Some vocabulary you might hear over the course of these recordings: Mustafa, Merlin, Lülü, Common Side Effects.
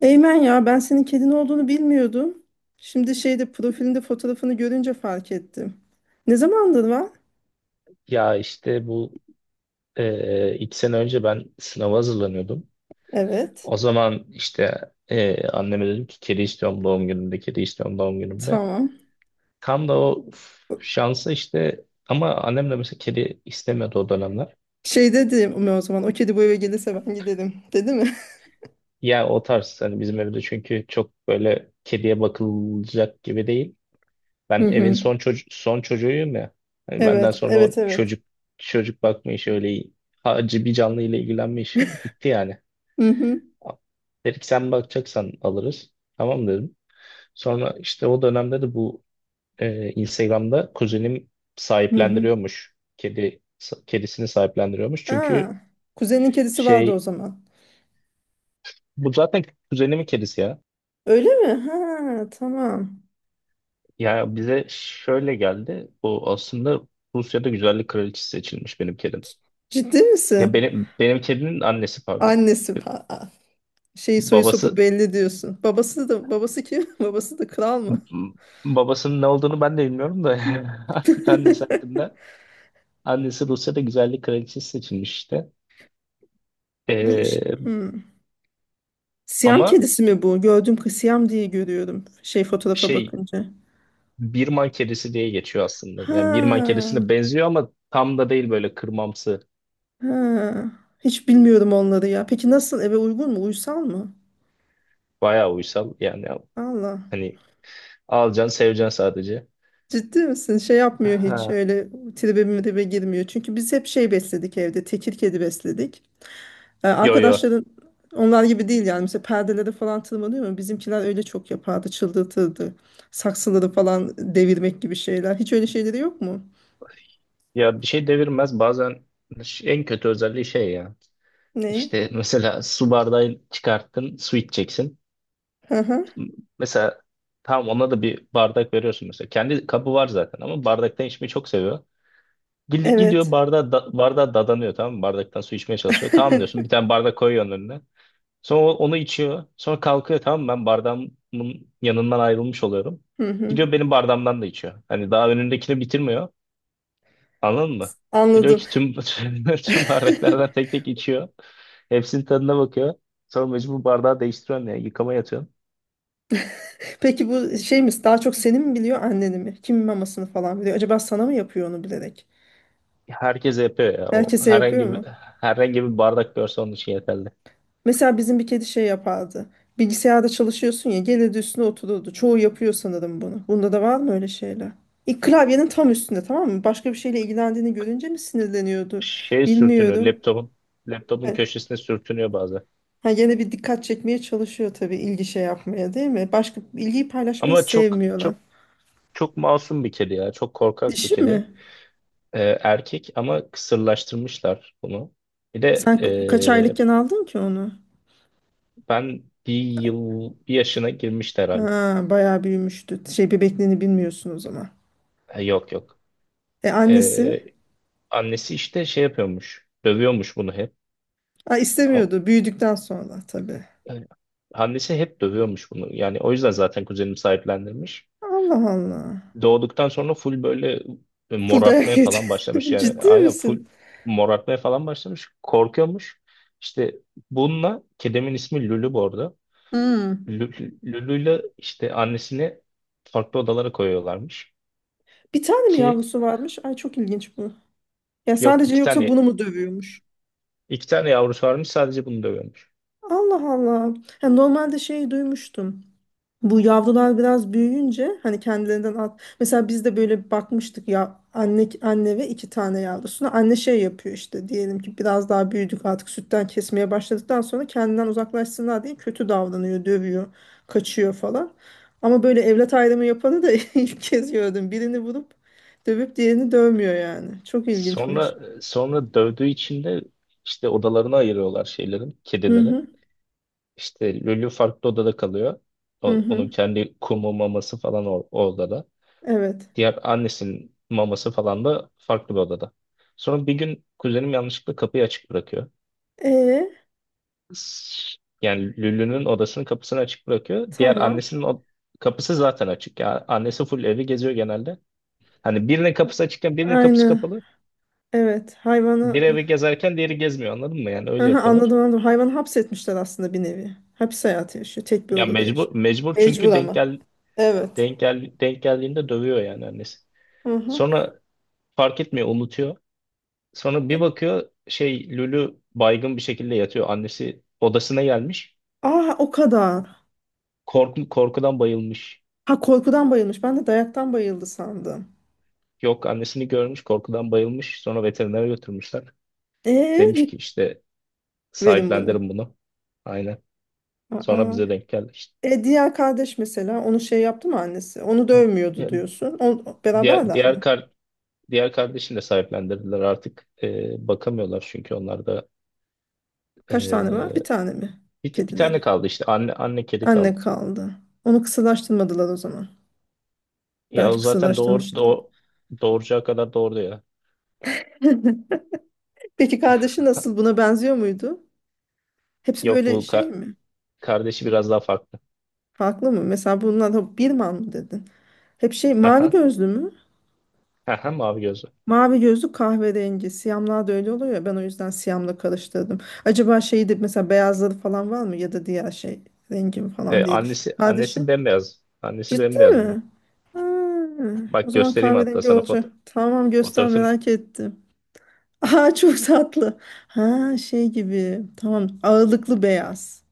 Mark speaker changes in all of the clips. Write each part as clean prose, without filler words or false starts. Speaker 1: Eymen ya ben senin kedin olduğunu bilmiyordum. Şimdi şeyde profilinde fotoğrafını görünce fark ettim. Ne zamandır var?
Speaker 2: Ya işte bu 2 sene önce ben sınava hazırlanıyordum.
Speaker 1: Evet.
Speaker 2: O zaman işte anneme dedim ki kedi istiyorum doğum günümde, kedi istiyorum doğum günümde.
Speaker 1: Tamam.
Speaker 2: Tam da o şansı işte ama annem de mesela kedi istemiyordu o dönemler.
Speaker 1: Şey dedi mi o zaman, o kedi bu eve gelirse ben giderim dedi mi?
Speaker 2: Ya o tarz hani, bizim evde çünkü çok böyle kediye bakılacak gibi değil.
Speaker 1: Hı
Speaker 2: Ben evin
Speaker 1: hı.
Speaker 2: son çocuğuyum ya. Hani benden
Speaker 1: Evet,
Speaker 2: sonra o
Speaker 1: evet, evet.
Speaker 2: çocuk bakma işi, öyle hacı bir canlı ile ilgilenme işi bitti yani.
Speaker 1: Hı hı.
Speaker 2: Dedi ki sen bakacaksan alırız. Tamam dedim. Sonra işte o dönemde de bu Instagram'da kuzenim
Speaker 1: Hı hı.
Speaker 2: sahiplendiriyormuş. Kedisini sahiplendiriyormuş. Çünkü
Speaker 1: Ha, kuzenin kedisi vardı o
Speaker 2: şey,
Speaker 1: zaman.
Speaker 2: bu zaten kuzenimin kedisi ya.
Speaker 1: Öyle mi? Ha, tamam.
Speaker 2: Ya bize şöyle geldi. Bu aslında Rusya'da güzellik kraliçesi seçilmiş benim kedim.
Speaker 1: Ciddi
Speaker 2: Ya
Speaker 1: misin?
Speaker 2: benim kedinin annesi, pardon.
Speaker 1: Annesi şey soyu sopu
Speaker 2: Babası
Speaker 1: belli diyorsun. Babası da babası kim? Babası da kral mı?
Speaker 2: babasının ne olduğunu ben de bilmiyorum da annesi hakkında. Annesi Rusya'da güzellik kraliçesi seçilmiş işte.
Speaker 1: Bu ş-
Speaker 2: Ee,
Speaker 1: Hmm. Siyam
Speaker 2: ama
Speaker 1: kedisi mi bu? Gördüm ki Siyam diye görüyorum. Şey fotoğrafa
Speaker 2: şey,
Speaker 1: bakınca.
Speaker 2: Birman kedisi diye geçiyor aslında. Yani Birman
Speaker 1: Ha,
Speaker 2: kedisine benziyor ama tam da değil, böyle kırmamsı.
Speaker 1: ha. Hiç bilmiyorum onları ya. Peki nasıl, eve uygun mu? Uysal mı?
Speaker 2: Bayağı uysal. Yani
Speaker 1: Allah.
Speaker 2: hani, alacaksın seveceksin sadece.
Speaker 1: Ciddi misin? Şey yapmıyor hiç.
Speaker 2: Ha.
Speaker 1: Öyle tribe mribe girmiyor. Çünkü biz hep şey besledik evde. Tekir kedi besledik.
Speaker 2: Yo yo.
Speaker 1: Arkadaşların onlar gibi değil yani. Mesela perdeleri falan tırmanıyor mu? Bizimkiler öyle çok yapardı. Çıldırtırdı. Saksıları falan devirmek gibi şeyler. Hiç öyle şeyleri yok mu?
Speaker 2: Ya bir şey devirmez. Bazen en kötü özelliği şey ya.
Speaker 1: Ne?
Speaker 2: İşte mesela, su bardağı çıkarttın, su içeceksin.
Speaker 1: Hı hı.
Speaker 2: Mesela tam ona da bir bardak veriyorsun mesela. Kendi kabı var zaten ama bardaktan içmeyi çok seviyor. Gidiyor
Speaker 1: Evet.
Speaker 2: bardağa, bardağa dadanıyor, tamam mı? Bardaktan su içmeye çalışıyor. Tamam diyorsun, bir tane bardak koyuyorsun önüne. Sonra onu içiyor. Sonra kalkıyor, tamam mı? Ben bardağımın yanından ayrılmış oluyorum.
Speaker 1: Hı hı.
Speaker 2: Gidiyor benim bardağımdan da içiyor. Hani daha önündekini bitirmiyor. Anladın mı? Gidiyor
Speaker 1: Anladım.
Speaker 2: ki tüm, tüm bardaklardan tek tek içiyor. Hepsinin tadına bakıyor. Sonra mecbur bardağı değiştiriyorsun ya. Yıkamaya atıyorsun.
Speaker 1: Peki bu şey mi, daha çok seni mi biliyor anneni mi? Kimin mamasını falan biliyor? Acaba sana mı yapıyor onu bilerek?
Speaker 2: Herkes yapıyor ya. O
Speaker 1: Herkese yapıyor
Speaker 2: herhangi bir,
Speaker 1: mu?
Speaker 2: herhangi bir bardak görse onun için yeterli.
Speaker 1: Mesela bizim bir kedi şey yapardı. Bilgisayarda çalışıyorsun ya, gelirdi üstüne otururdu. Çoğu yapıyor sanırım bunu. Bunda da var mı öyle şeyler? İlk klavyenin tam üstünde, tamam mı? Başka bir şeyle ilgilendiğini görünce mi sinirleniyordu?
Speaker 2: Şey sürtünüyor
Speaker 1: Bilmiyorum.
Speaker 2: laptopun
Speaker 1: Ha,
Speaker 2: laptopun köşesine sürtünüyor bazen.
Speaker 1: ha, gene bir dikkat çekmeye çalışıyor tabii, ilgi şey yapmaya değil mi? Başka ilgiyi paylaşmayı
Speaker 2: Ama çok
Speaker 1: sevmiyorlar.
Speaker 2: çok çok masum bir kedi ya. Çok korkak bir
Speaker 1: Dişi
Speaker 2: kedi.
Speaker 1: mi?
Speaker 2: Erkek ama kısırlaştırmışlar bunu. Bir de
Speaker 1: Sen kaç aylıkken aldın ki onu?
Speaker 2: ben
Speaker 1: Ay,
Speaker 2: bir yaşına girmişti herhalde.
Speaker 1: ha, bayağı büyümüştü. Şey bebekliğini bilmiyorsun o zaman.
Speaker 2: Ha, yok yok.
Speaker 1: E annesi?
Speaker 2: Ee, Annesi işte şey yapıyormuş. Dövüyormuş bunu hep.
Speaker 1: Ha,
Speaker 2: Ama-
Speaker 1: istemiyordu. Büyüdükten sonra tabii.
Speaker 2: yani annesi hep dövüyormuş bunu. Yani o yüzden zaten kuzenim sahiplendirmiş.
Speaker 1: Allah Allah.
Speaker 2: Doğduktan sonra full böyle
Speaker 1: Full dayak
Speaker 2: morartmaya
Speaker 1: yedi.
Speaker 2: falan başlamış, yani
Speaker 1: Ciddi
Speaker 2: aynen
Speaker 1: misin?
Speaker 2: full morartmaya falan başlamış, korkuyormuş işte bununla. Kedimin ismi Lülü bu arada.
Speaker 1: Hmm.
Speaker 2: Lülü'yle işte annesini farklı odalara koyuyorlarmış
Speaker 1: Bir tane mi
Speaker 2: ki,
Speaker 1: yavrusu varmış? Ay çok ilginç bu. Ya
Speaker 2: yok,
Speaker 1: sadece
Speaker 2: iki
Speaker 1: yoksa
Speaker 2: tane
Speaker 1: bunu mu dövüyormuş?
Speaker 2: iki tane yavrusu varmış, sadece bunu dövüyormuş.
Speaker 1: Allah Allah. Ya normalde şey duymuştum. Bu yavrular biraz büyüyünce hani kendilerinden at. Mesela biz de böyle bakmıştık ya, anne ve iki tane yavrusuna. Anne şey yapıyor işte, diyelim ki biraz daha büyüdük artık, sütten kesmeye başladıktan sonra kendinden uzaklaşsınlar diye kötü davranıyor, dövüyor, kaçıyor falan. Ama böyle evlat ayrımı yapanı da ilk kez gördüm. Birini vurup dövüp diğerini dövmüyor yani. Çok ilginçmiş.
Speaker 2: Sonra dövdüğü için de işte odalarına ayırıyorlar şeylerin
Speaker 1: Hı
Speaker 2: kedileri.
Speaker 1: hı,
Speaker 2: İşte Lülü farklı odada kalıyor.
Speaker 1: hı hı.
Speaker 2: Onun kendi kumu, maması falan o odada.
Speaker 1: Evet.
Speaker 2: Diğer annesinin maması falan da farklı bir odada. Sonra bir gün kuzenim yanlışlıkla kapıyı açık bırakıyor.
Speaker 1: E
Speaker 2: Yani Lülü'nün odasının kapısını açık bırakıyor. Diğer
Speaker 1: tamam.
Speaker 2: annesinin o kapısı zaten açık. Yani annesi full evi geziyor genelde. Hani birinin kapısı açıkken birinin kapısı
Speaker 1: Aynı.
Speaker 2: kapalı.
Speaker 1: Evet.
Speaker 2: Bir
Speaker 1: Hayvanı
Speaker 2: evi gezerken diğeri gezmiyor, anladın mı? Yani öyle
Speaker 1: aha,
Speaker 2: yapıyorlar.
Speaker 1: anladım, anladım. Hayvanı hapsetmişler aslında, bir nevi. Hapis hayatı yaşıyor. Tek bir
Speaker 2: Ya
Speaker 1: odada
Speaker 2: mecbur
Speaker 1: yaşıyor.
Speaker 2: mecbur
Speaker 1: Mecbur
Speaker 2: çünkü denk
Speaker 1: ama.
Speaker 2: gel
Speaker 1: Evet.
Speaker 2: denk gel denk geldiğinde dövüyor yani annesi.
Speaker 1: Aha.
Speaker 2: Sonra fark etmiyor, unutuyor. Sonra
Speaker 1: E,
Speaker 2: bir bakıyor şey, Lülü baygın bir şekilde yatıyor. Annesi odasına gelmiş.
Speaker 1: aa o kadar.
Speaker 2: Korkudan bayılmış.
Speaker 1: Ha, korkudan bayılmış. Ben de dayaktan bayıldı sandım.
Speaker 2: Yok, annesini görmüş, korkudan bayılmış. Sonra veterinere götürmüşler. Demiş
Speaker 1: Eee
Speaker 2: ki işte
Speaker 1: verin bunu.
Speaker 2: sahiplendirin bunu. Aynen. Sonra
Speaker 1: Aa.
Speaker 2: bize denk geldi işte.
Speaker 1: E diğer kardeş mesela onu şey yaptı mı annesi? Onu dövmüyordu
Speaker 2: Ya,
Speaker 1: diyorsun. O,
Speaker 2: diğer
Speaker 1: beraberler
Speaker 2: diğer
Speaker 1: mi?
Speaker 2: kar diğer kardeşini de sahiplendirdiler artık. Bakamıyorlar çünkü onlar da
Speaker 1: Kaç tane var? Bir
Speaker 2: ee,
Speaker 1: tane mi?
Speaker 2: bir, bir
Speaker 1: Kedileri.
Speaker 2: tane kaldı işte, anne kedi
Speaker 1: Anne
Speaker 2: kaldı.
Speaker 1: kaldı. Onu kısırlaştırmadılar o zaman.
Speaker 2: Ya o
Speaker 1: Belki
Speaker 2: zaten doğur,
Speaker 1: kısırlaştırmışlar.
Speaker 2: doğ, doğuracağı kadar doğurdu ya.
Speaker 1: Peki kardeşi nasıl? Buna benziyor muydu? Hepsi
Speaker 2: Yok,
Speaker 1: böyle
Speaker 2: bu
Speaker 1: şey mi?
Speaker 2: kardeşi biraz daha farklı.
Speaker 1: Farklı mı? Mesela bunlar da Birman mı dedin? Hep şey mavi
Speaker 2: Haha,
Speaker 1: gözlü mü?
Speaker 2: haha, mavi gözlü.
Speaker 1: Mavi gözlü, kahverengi. Siyamlar da öyle oluyor ya, ben o yüzden siyamla karıştırdım. Acaba şeyi de, mesela beyazları falan var mı ya da diğer şey rengi mi
Speaker 2: E,
Speaker 1: falan diye düşün.
Speaker 2: annesi
Speaker 1: Kardeşi.
Speaker 2: annesi bembeyaz. Annesi
Speaker 1: Ciddi
Speaker 2: bembeyaz bunun.
Speaker 1: mi? Ha, o
Speaker 2: Bak,
Speaker 1: zaman
Speaker 2: göstereyim hatta
Speaker 1: kahverengi
Speaker 2: sana foto
Speaker 1: olacak. Tamam, göster
Speaker 2: fotoğrafın.
Speaker 1: merak ettim. Aa çok tatlı. Ha şey gibi. Tamam, ağırlıklı beyaz.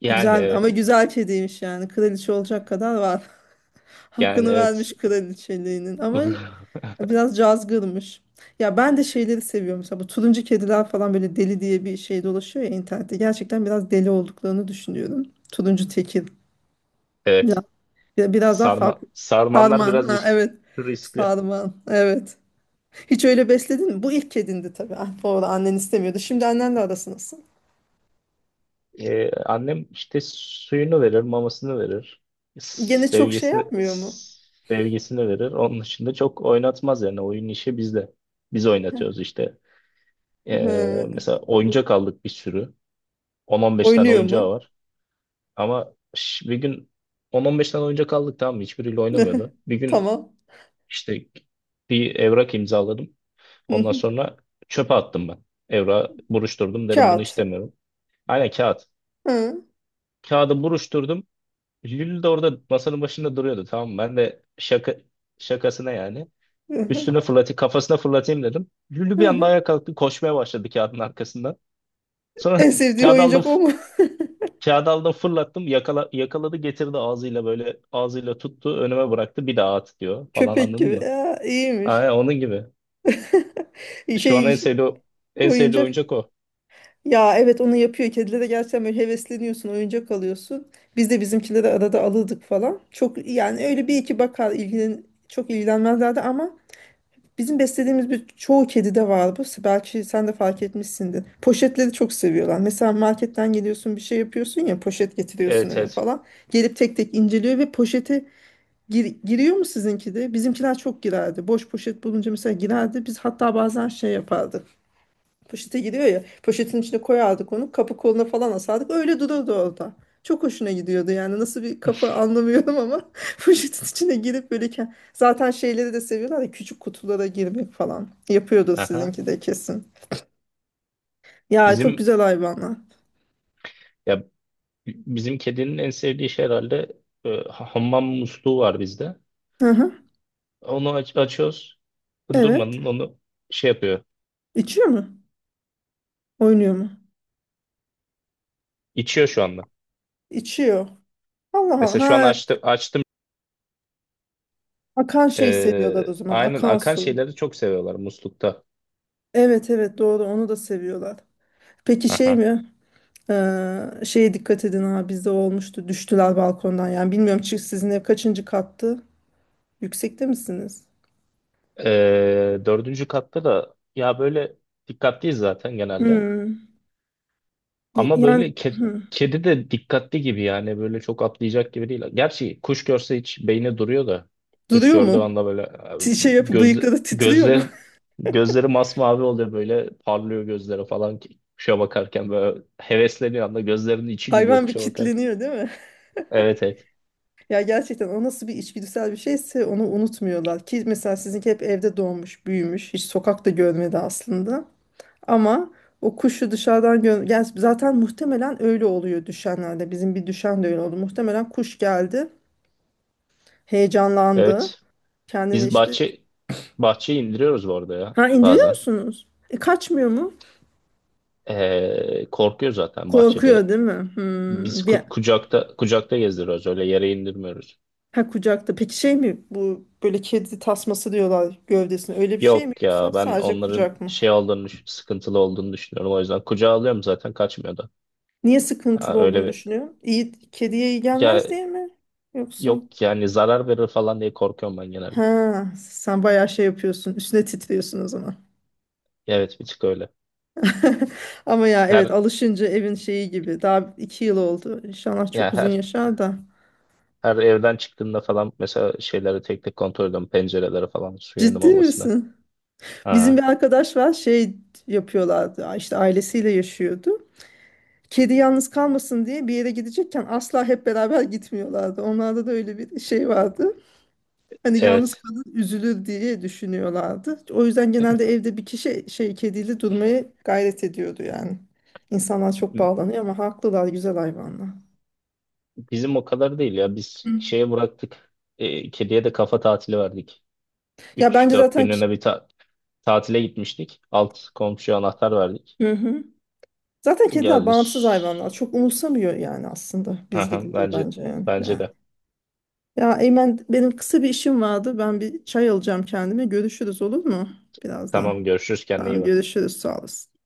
Speaker 2: Yani
Speaker 1: Güzel ama,
Speaker 2: evet.
Speaker 1: güzel kediymiş yani. Kraliçe olacak kadar var.
Speaker 2: Yani
Speaker 1: Hakkını
Speaker 2: evet.
Speaker 1: vermiş kraliçeliğinin ama biraz cazgırmış. Ya ben de şeyleri seviyorum. Mesela bu turuncu kediler falan böyle deli diye bir şey dolaşıyor ya internette. Gerçekten biraz deli olduklarını düşünüyorum. Turuncu tekir. Biraz,
Speaker 2: Evet.
Speaker 1: biraz daha farklı.
Speaker 2: Sarmanlar
Speaker 1: Sarman.
Speaker 2: biraz
Speaker 1: Ha, evet.
Speaker 2: riskli.
Speaker 1: Sarman. Evet. Hiç öyle besledin mi? Bu ilk kedindi tabii. Ah, bu arada annen istemiyordu. Şimdi annenle arası nasıl?
Speaker 2: Annem işte suyunu verir, mamasını verir.
Speaker 1: Gene çok şey
Speaker 2: Sevgisini
Speaker 1: yapmıyor mu?
Speaker 2: sevgisini verir. Onun dışında çok oynatmaz yani. Oyun işi bizde. Biz oynatıyoruz işte. E,
Speaker 1: Hı.
Speaker 2: Mesela oyuncak aldık bir sürü. 10-15 tane
Speaker 1: Oynuyor
Speaker 2: oyuncağı
Speaker 1: mu?
Speaker 2: var. Ama bir gün 10-15 tane oyuncak aldık, tamam mı? Hiçbiriyle oynamıyordu. Bir gün
Speaker 1: Tamam.
Speaker 2: işte bir evrak imzaladım.
Speaker 1: Hı
Speaker 2: Ondan
Speaker 1: hı.
Speaker 2: sonra çöpe attım ben. Evrağı buruşturdum. Dedim bunu
Speaker 1: Kağıt.
Speaker 2: istemiyorum. Aynen, kağıt.
Speaker 1: Hı.
Speaker 2: Kağıdı buruşturdum. Lül de orada masanın başında duruyordu, tamam mı? Ben de şaka, şakasına. Üstüne fırlatayım, kafasına fırlatayım dedim. Lülü
Speaker 1: Hı
Speaker 2: bir anda
Speaker 1: hı.
Speaker 2: ayağa kalktı, koşmaya başladı kağıdın arkasından. Sonra
Speaker 1: En sevdiği
Speaker 2: kağıdı aldım,
Speaker 1: oyuncak o mu?
Speaker 2: Çağdal'da fırlattım, yakala, yakaladı, getirdi ağzıyla, böyle ağzıyla tuttu, önüme bıraktı, bir daha at diyor falan,
Speaker 1: Köpek
Speaker 2: anladın
Speaker 1: gibi.
Speaker 2: mı?
Speaker 1: Ya,
Speaker 2: Aynen
Speaker 1: iyiymiş.
Speaker 2: onun gibi. Şu an en
Speaker 1: Şey
Speaker 2: sevdiği, en sevdiği
Speaker 1: oyuncak.
Speaker 2: oyuncak o.
Speaker 1: Ya evet, onu yapıyor. Kedilere gerçekten böyle hevesleniyorsun. Oyuncak alıyorsun. Biz de bizimkinde de arada alırdık falan. Çok yani öyle bir iki bakar, ilgilen çok ilgilenmezlerdi ama bizim beslediğimiz bir çoğu kedide var bu. Belki sen de fark etmişsindir. Poşetleri çok seviyorlar. Mesela marketten geliyorsun bir şey yapıyorsun ya, poşet getiriyorsun
Speaker 2: Evet
Speaker 1: eve
Speaker 2: evet.
Speaker 1: falan. Gelip tek tek inceliyor ve poşeti giriyor mu sizinki de? Bizimkiler çok girerdi. Boş poşet bulunca mesela girerdi. Biz hatta bazen şey yapardık. Poşete giriyor ya. Poşetin içine koyardık onu. Kapı koluna falan asardık. Öyle dururdu orada. Çok hoşuna gidiyordu yani. Nasıl bir kafa anlamıyorum ama poşetin içine girip böyle zaten şeyleri de seviyorlar ya, küçük kutulara girmek falan. Yapıyordu
Speaker 2: Aha.
Speaker 1: sizinki de kesin. Ya çok
Speaker 2: Bizim
Speaker 1: güzel hayvanlar.
Speaker 2: ya bizim kedinin en sevdiği şey herhalde, hammam musluğu var bizde.
Speaker 1: Hı hı.
Speaker 2: Onu açıyoruz.
Speaker 1: Evet.
Speaker 2: Durmadan onu şey yapıyor.
Speaker 1: İçiyor mu? Oynuyor mu?
Speaker 2: İçiyor şu anda.
Speaker 1: İçiyor. Allah Allah.
Speaker 2: Mesela şu an
Speaker 1: Ha,
Speaker 2: açtı, açtım.
Speaker 1: akan şey seviyorlar o zaman.
Speaker 2: Aynen,
Speaker 1: Akan
Speaker 2: akan
Speaker 1: su.
Speaker 2: şeyleri çok seviyorlar muslukta.
Speaker 1: Evet, evet doğru, onu da seviyorlar. Peki şey
Speaker 2: Aha.
Speaker 1: mi? Şeye dikkat edin, ha bizde olmuştu. Düştüler balkondan, yani bilmiyorum sizin ev kaçıncı kattı? Yüksekte misiniz?
Speaker 2: 4. katta da ya, böyle dikkatliyiz zaten genelde.
Speaker 1: Hmm. Y-
Speaker 2: Ama
Speaker 1: Yani
Speaker 2: böyle
Speaker 1: hmm.
Speaker 2: kedi de dikkatli gibi yani, böyle çok atlayacak gibi değil. Gerçi kuş görse hiç beyni duruyor da, kuş
Speaker 1: Duruyor
Speaker 2: gördüğü
Speaker 1: mu?
Speaker 2: anda böyle
Speaker 1: Şey yapıp
Speaker 2: göz
Speaker 1: bıyıkları titriyor mu?
Speaker 2: gözler gözleri masmavi oluyor, böyle parlıyor gözleri falan, ki kuşa bakarken böyle hevesleniyor anda, gözlerinin içi gülüyor
Speaker 1: Hayvan bir
Speaker 2: kuşa bakarken.
Speaker 1: kitleniyor değil mi?
Speaker 2: Evet evet.
Speaker 1: Ya gerçekten, o nasıl bir içgüdüsel bir şeyse onu unutmuyorlar. Ki mesela sizinki hep evde doğmuş, büyümüş, hiç sokakta görmedi aslında. Ama o kuşu dışarıdan yani zaten muhtemelen öyle oluyor düşenlerde. Bizim bir düşen de öyle oldu. Muhtemelen kuş geldi, heyecanlandı.
Speaker 2: Evet.
Speaker 1: Kendini
Speaker 2: Biz
Speaker 1: işte
Speaker 2: bahçeyi indiriyoruz bu arada ya
Speaker 1: ha, indiriyor
Speaker 2: bazen.
Speaker 1: musunuz? Kaçmıyor mu?
Speaker 2: Korkuyor zaten bahçede.
Speaker 1: Korkuyor değil mi?
Speaker 2: Biz
Speaker 1: Hmm, bir
Speaker 2: kucakta kucakta gezdiriyoruz, öyle yere indirmiyoruz.
Speaker 1: ha kucakta. Peki şey mi bu, böyle kedi tasması diyorlar gövdesine, öyle bir şey mi
Speaker 2: Yok
Speaker 1: yoksa
Speaker 2: ya, ben
Speaker 1: sadece kucak
Speaker 2: onların
Speaker 1: mı?
Speaker 2: sıkıntılı olduğunu düşünüyorum, o yüzden kucağa alıyorum, zaten kaçmıyor da.
Speaker 1: Niye
Speaker 2: Ya
Speaker 1: sıkıntılı
Speaker 2: öyle
Speaker 1: olduğunu
Speaker 2: bir
Speaker 1: düşünüyorum? İyi, kediye iyi
Speaker 2: ya
Speaker 1: gelmez diye mi? Yoksa?
Speaker 2: yok yani, zarar verir falan diye korkuyorum ben genelde.
Speaker 1: Ha, sen bayağı şey yapıyorsun. Üstüne titriyorsun o zaman.
Speaker 2: Evet, bir tık öyle.
Speaker 1: Ama ya evet,
Speaker 2: Her
Speaker 1: alışınca evin şeyi gibi. Daha iki yıl oldu. İnşallah
Speaker 2: ya
Speaker 1: çok uzun
Speaker 2: her
Speaker 1: yaşar da.
Speaker 2: her evden çıktığımda falan mesela şeyleri tek tek kontrol ediyorum, pencereleri falan, suyun
Speaker 1: Ciddi
Speaker 2: mamasına.
Speaker 1: misin? Bizim bir
Speaker 2: Ha,
Speaker 1: arkadaş var, şey yapıyorlardı. İşte ailesiyle yaşıyordu. Kedi yalnız kalmasın diye bir yere gidecekken asla hep beraber gitmiyorlardı. Onlarda da öyle bir şey vardı. Hani yalnız
Speaker 2: evet.
Speaker 1: kadın üzülür diye düşünüyorlardı. O yüzden genelde evde bir kişi şey kediyle durmaya gayret ediyordu yani. İnsanlar çok bağlanıyor ama haklılar, güzel hayvanlar.
Speaker 2: Bizim o kadar değil ya, biz
Speaker 1: Hı.
Speaker 2: şeye bıraktık. Kediye de kafa tatili verdik.
Speaker 1: Ya
Speaker 2: üç
Speaker 1: bence
Speaker 2: dört
Speaker 1: zaten ki-
Speaker 2: günlüğüne bir tatile gitmiştik. Alt komşuya anahtar verdik.
Speaker 1: Hı hı. Zaten
Speaker 2: O
Speaker 1: kediler
Speaker 2: geldi.
Speaker 1: bağımsız hayvanlar. Çok umursamıyor yani, aslında
Speaker 2: Hı
Speaker 1: biz
Speaker 2: hı,
Speaker 1: gidince
Speaker 2: Bence
Speaker 1: bence yani.
Speaker 2: bence
Speaker 1: Yani.
Speaker 2: de.
Speaker 1: Ya Eymen, benim kısa bir işim vardı. Ben bir çay alacağım kendime. Görüşürüz olur mu? Birazdan.
Speaker 2: Tamam, görüşürüz, kendine iyi
Speaker 1: Tamam,
Speaker 2: bak.
Speaker 1: görüşürüz sağ olasın.